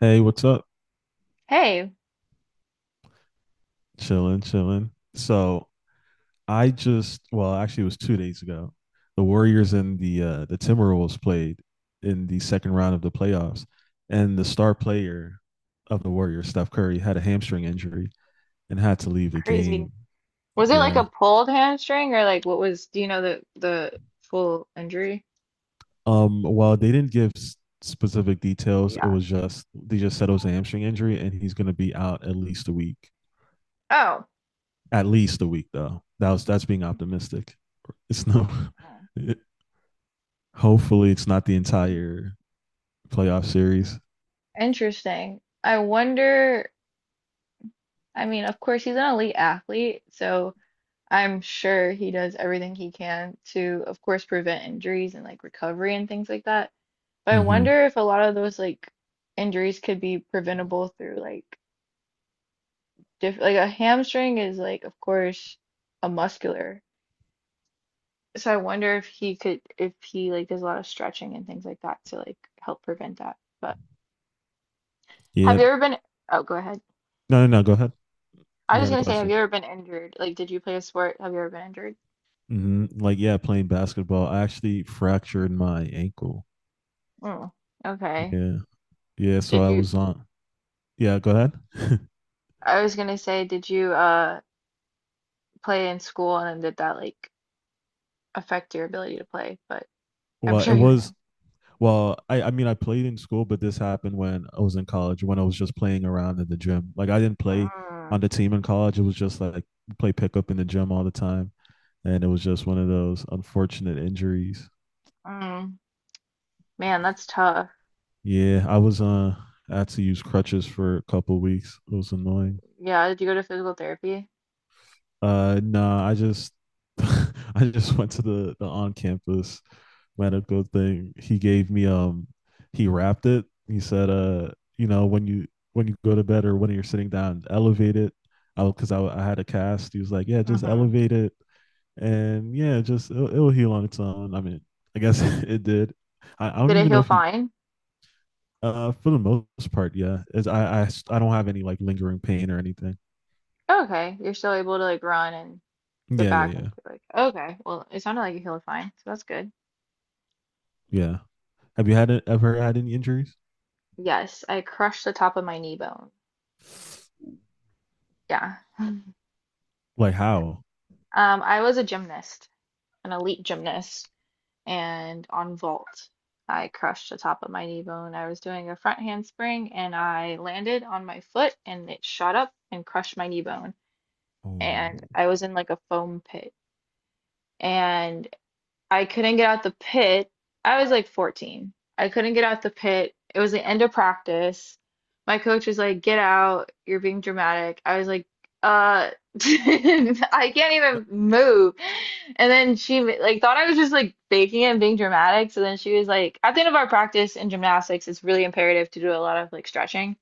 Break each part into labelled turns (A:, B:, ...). A: Hey, what's up?
B: Hey,
A: Chilling, chilling. So I just, it was 2 days ago. The Warriors and the Timberwolves played in the second round of the playoffs, and the star player of the Warriors, Steph Curry, had a hamstring injury and had to leave the
B: crazy.
A: game.
B: Was it like
A: Yeah.
B: a pulled hamstring or like what was, do you know the full injury?
A: While they didn't give specific details, it
B: Yeah.
A: was just they just said it was a hamstring injury, and he's going to be out at least a week.
B: Oh.
A: At least a week, though. That's being optimistic. It's no.
B: Oh,
A: Hopefully, it's not the entire playoff series.
B: interesting. I wonder, I mean, of course he's an elite athlete, so I'm sure he does everything he can to, of course, prevent injuries and like recovery and things like that. But I
A: Mm-hmm.
B: wonder if a lot of those like injuries could be preventable through like diff like a hamstring is, like, of course, a muscular. So I wonder if he could, if he like does a lot of stretching and things like that to like help prevent that. But have
A: Yeah.
B: you ever been, oh, go ahead.
A: No, no, no, go ahead.
B: I
A: You
B: was
A: had a
B: gonna say, have
A: question.
B: you ever been injured? Like, did you play a sport? Have you ever been injured?
A: Like, yeah, playing basketball. I actually fractured my ankle.
B: Oh, okay.
A: Yeah. Yeah. So
B: Did
A: I
B: you,
A: was on. Yeah, go ahead.
B: I was gonna say, did you play in school and then did that like affect your ability to play? But I'm
A: Well, it
B: sure you
A: was.
B: can.
A: Well, I mean, I played in school, but this happened when I was in college, when I was just playing around in the gym. Like, I didn't play on
B: Mm,
A: the team in college. It was just like play pickup in the gym all the time. And it was just one of those unfortunate injuries.
B: mm, man, that's tough.
A: Yeah, I was I had to use crutches for a couple of weeks. It was annoying.
B: Yeah, did you go to physical therapy?
A: Nah, I just I just went to the on campus medical thing. He gave me he wrapped it. He said you know when you go to bed or when you're sitting down, elevate it. I because I had a cast. He was like, yeah, just
B: Mm-hmm.
A: elevate it, and yeah, just it'll heal on its own. I mean, I guess it did. I don't
B: Did it
A: even know
B: heal
A: if he.
B: fine?
A: For the most part, yeah. As I, I don't have any like lingering pain or anything.
B: Okay, you're still able to like run, get
A: Yeah, yeah,
B: back into
A: yeah,
B: like, okay, well it sounded like you healed fine, so that's good.
A: yeah. Have you had it, ever had any injuries?
B: Yes, I crushed the top of my knee bone. Yeah.
A: Like how?
B: I was a gymnast, an elite gymnast, and on vault I crushed the top of my knee bone. I was doing a front handspring and I landed on my foot and it shot up and crushed my knee bone.
A: Oh,
B: And I was in like a foam pit and. I couldn't get out the pit. I was like 14. I couldn't get out the pit. It was the end of practice. My coach was like, "Get out. You're being dramatic." I was like, "Uh, I can't even move." And then she like thought I was just like faking it and being dramatic. So then she was like, "At the end of our practice in gymnastics, it's really imperative to do a lot of like stretching."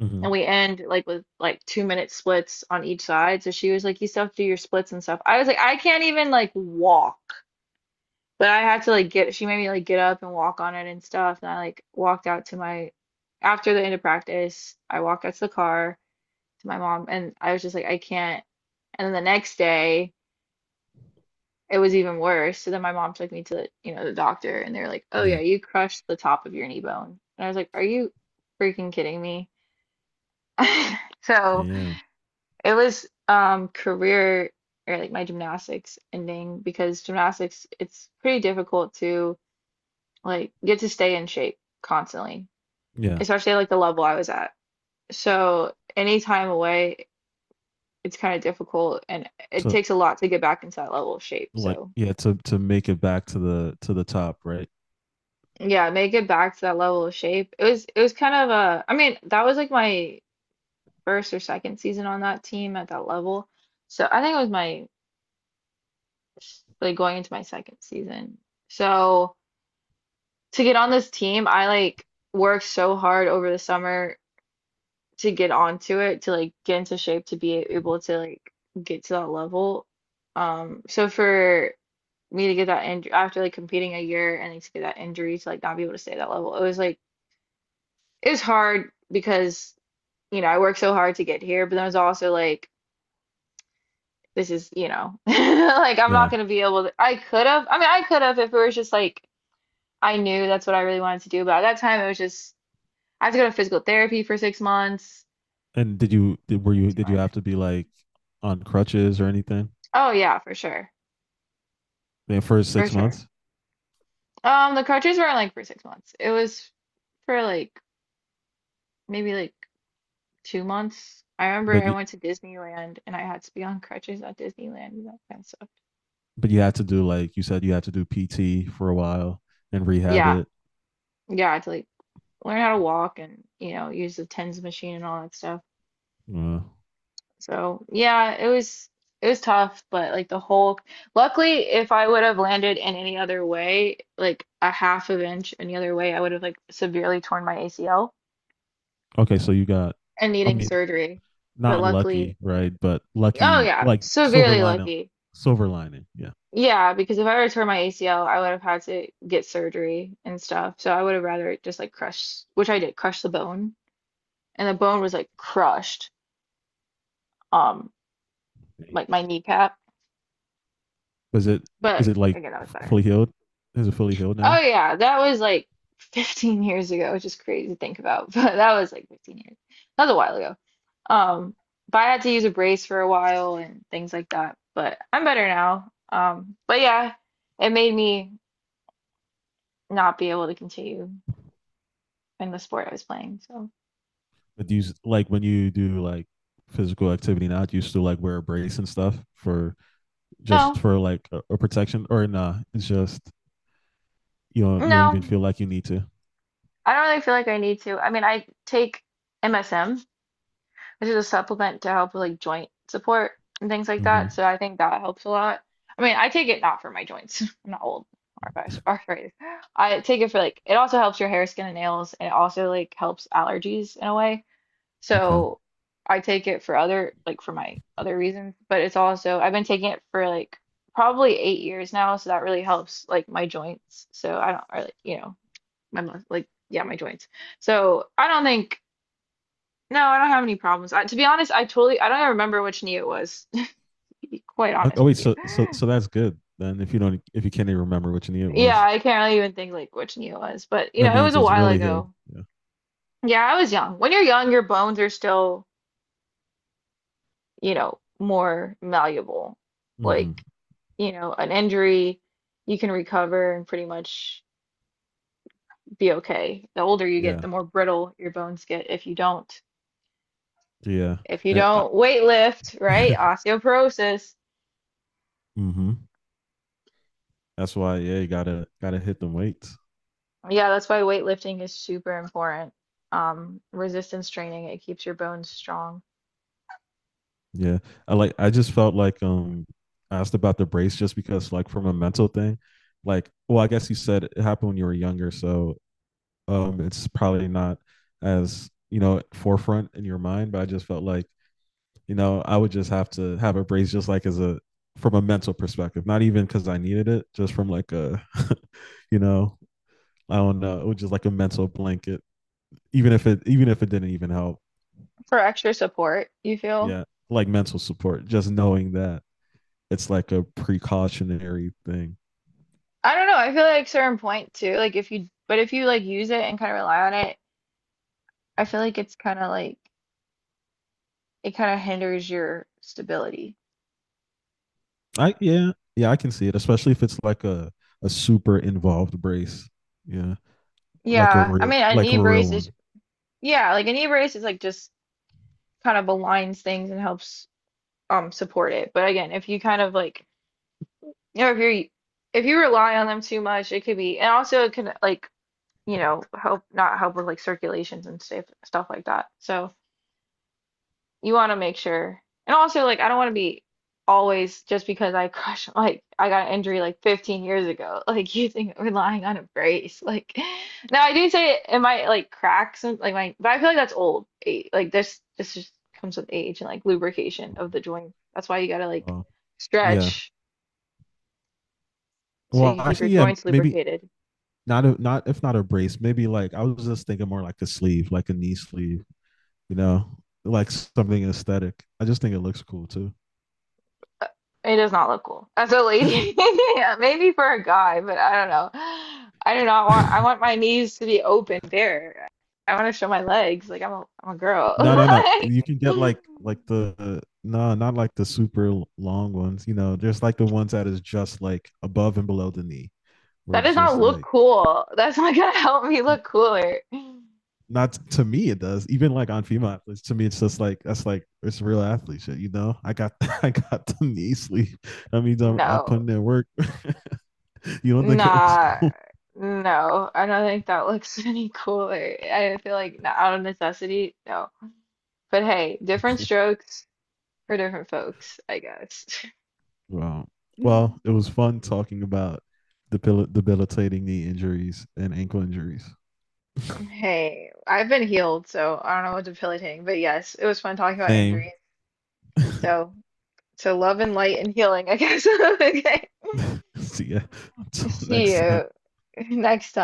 A: mm-hmm.
B: And we end like with like 2 minute splits on each side. So she was like, "You still have to do your splits and stuff." I was like, "I can't even like walk." But I had to like get, she made me like get up and walk on it and stuff. And I like walked out to my, after the end of practice, I walked out to the car to my mom and I was just like, I can't. And then the next day, it was even worse. So then my mom took me to, the, you know, the doctor and they were like, oh yeah,
A: Yeah,
B: you crushed the top of your knee bone. And I was like, are you freaking kidding me? So
A: yeah,
B: it was career or like my gymnastics ending because gymnastics, it's pretty difficult to, like, you have to stay in shape constantly,
A: yeah.
B: especially like the level I was at. So any time away, it's kind of difficult and it
A: So
B: takes a lot to get back into that level of shape.
A: like,
B: So
A: yeah, to make it back to the top, right?
B: yeah, make it back to that level of shape. It was kind of a, I mean, that was like my first or second season on that team at that level. So I think it was my like going into my second season. So to get on this team, I like worked so hard over the summer to get onto it, to like get into shape to be able to like get to that level. So for me to get that injury after like competing a year and then to get that injury to like not be able to stay at that level, it was like it was hard because I worked so hard to get here, but then it was also like this is. Like, I'm not
A: Yeah.
B: gonna be able to. I could have. I mean, I could have if it was just like, I knew that's what I really wanted to do, but at that time it was just, I have to go to physical therapy for 6 months.
A: And did you did, were
B: It's
A: you
B: too
A: did you
B: much.
A: have to be like on crutches or anything
B: Oh yeah, for sure,
A: the first
B: for
A: six
B: sure.
A: months?
B: The cartridges weren't like for 6 months. It was for like maybe like 2 months. I remember
A: But
B: I
A: you
B: went to Disneyland and I had to be on crutches at Disneyland and that kind of stuff.
A: but you had to do like you said you had to do PT for a while and rehab
B: Yeah,
A: it.
B: yeah, to like learn how to walk and use the TENS machine and all that stuff.
A: Uh,
B: So yeah, it was tough, but like the whole. Luckily, if I would have landed in any other way, like a half of inch any other way, I would have like severely torn my ACL
A: Okay, so you got,
B: and
A: I
B: needing
A: mean,
B: surgery. But
A: not
B: luckily,
A: lucky,
B: I,
A: right? But
B: oh
A: lucky,
B: yeah,
A: like silver
B: severely
A: lining,
B: lucky.
A: silver lining. Yeah.
B: Yeah, because if I were to tear my ACL, I would have had to get surgery and stuff. So I would have rather just like crushed, which I did, crush the bone, and the bone was like crushed, um, like my kneecap.
A: Is it is
B: But
A: it like
B: again, that was better.
A: fully healed? Is it fully healed
B: Oh
A: now?
B: yeah, that was like 15 years ago, which is crazy to think about, but that was like 15 years. That was a while ago. Um, but I had to use a brace for a while and things like that. But I'm better now. But it made me not be able to continue in the sport I was playing. So
A: But do you like when you do like physical activity now? Do you still like wear a brace and stuff for just
B: no,
A: for like a protection or nah? It's just you don't even
B: no,
A: feel like you need to.
B: I don't really feel like I need to. I mean, I take MSM, which is a supplement to help with like joint support and things like that.
A: hmm
B: So I think that helps a lot. I mean, I take it not for my joints. I'm not old or arthritis. I take it for like, it also helps your hair, skin, and nails, and it also like helps allergies in a way.
A: Okay.
B: So I take it for other, like for my other reasons, but it's also, I've been taking it for like probably 8 years now. So that really helps like my joints. So I don't, or like, my, like, yeah, my joints. So I don't think, no, I don't have any problems. I, to be honest, I totally, I don't even remember which knee it was, to be quite
A: Oh,
B: honest
A: oh
B: with
A: wait,
B: you.
A: so that's good then. If you don't if you can't even remember what your knee
B: Yeah,
A: was,
B: I can't really even think like which knee it was, but
A: that
B: it was
A: means
B: a
A: it's
B: while
A: really healed.
B: ago.
A: Yeah.
B: Yeah, I was young. When you're young, your bones are still, more malleable.
A: Hmm.
B: Like, an injury, you can recover and pretty much be okay. The older you get,
A: Yeah.
B: the more brittle your bones get
A: Yeah.
B: if you
A: And I,
B: don't weight lift, right? Osteoporosis.
A: hmm, that's why, yeah, you gotta hit them weights.
B: Yeah, that's why weightlifting is super important. Resistance training, it keeps your bones strong
A: Yeah. I like I just felt like I asked about the brace just because like from a mental thing, like well, I guess you said it happened when you were younger, so it's probably not as, you know, forefront in your mind, but I just felt like, you know, I would just have to have a brace just like as a from a mental perspective, not even because I needed it, just from like a, you know, I don't know, it was just like a mental blanket even if it didn't even help.
B: for extra support, you feel?
A: Yeah, like mental support, just knowing that it's like a precautionary thing.
B: I don't know, I feel like certain point too, like if you, but if you like use it and kind of rely on it, I feel like it's kind of like, it kind of hinders your stability.
A: I yeah, yeah, I can see it, especially if it's like a super involved brace. Yeah,
B: Yeah, I mean, a
A: like
B: knee
A: a real
B: brace is,
A: one.
B: yeah, like an e-brace is like just kind of aligns things and helps support it. But again, if you kind of like, if you're, if you rely on them too much, it could be, and also it can like help, not help, with like circulations and stuff like that. So, you want to make sure. And also, like, I don't want to be always just because I crush, like, I got an injury like 15 years ago, like, you using relying on a brace. Like, now I do say it, it might like crack some, like, my, but I feel like that's old. Like, this just comes with age and like lubrication of the joint. That's why you gotta like
A: Oh, yeah.
B: stretch so you
A: Well,
B: can keep your
A: actually, yeah,
B: joints
A: maybe
B: lubricated.
A: not a brace, maybe like I was just thinking more like a sleeve, like a knee sleeve, you know, like something aesthetic. I just think it looks cool too.
B: Uh, It does not look cool as a lady. Yeah, maybe for a guy, but I don't know. I do not want. I want my knees to be open, bare. I want to show my legs. Like I'm a girl.
A: No, no, no.
B: Like,
A: You can get like the no, not like the super long ones. You know, there's like the ones that is just like above and below the knee, where
B: that
A: it's
B: does not
A: just
B: look
A: like
B: cool. That's not gonna help me look cooler.
A: not to me it does. Even like on female athletes, to me it's just like that's like it's real athlete shit. You know, I got I got the knee sleeve. That means I'm
B: No,
A: putting in work. You don't think it looks
B: Nah,
A: cool?
B: no. I don't think that looks any cooler. I feel like not out of necessity, no. But hey, different strokes for different folks, I guess.
A: Wow. Well, it was fun talking about debilitating knee injuries and ankle injuries.
B: Hey, I've been healed, so I don't know what's debilitating, but yes, it was fun talking about injuries.
A: Same.
B: So, so love and light and healing, I guess. Okay.
A: See ya. Until
B: See
A: next
B: you
A: time.
B: next time.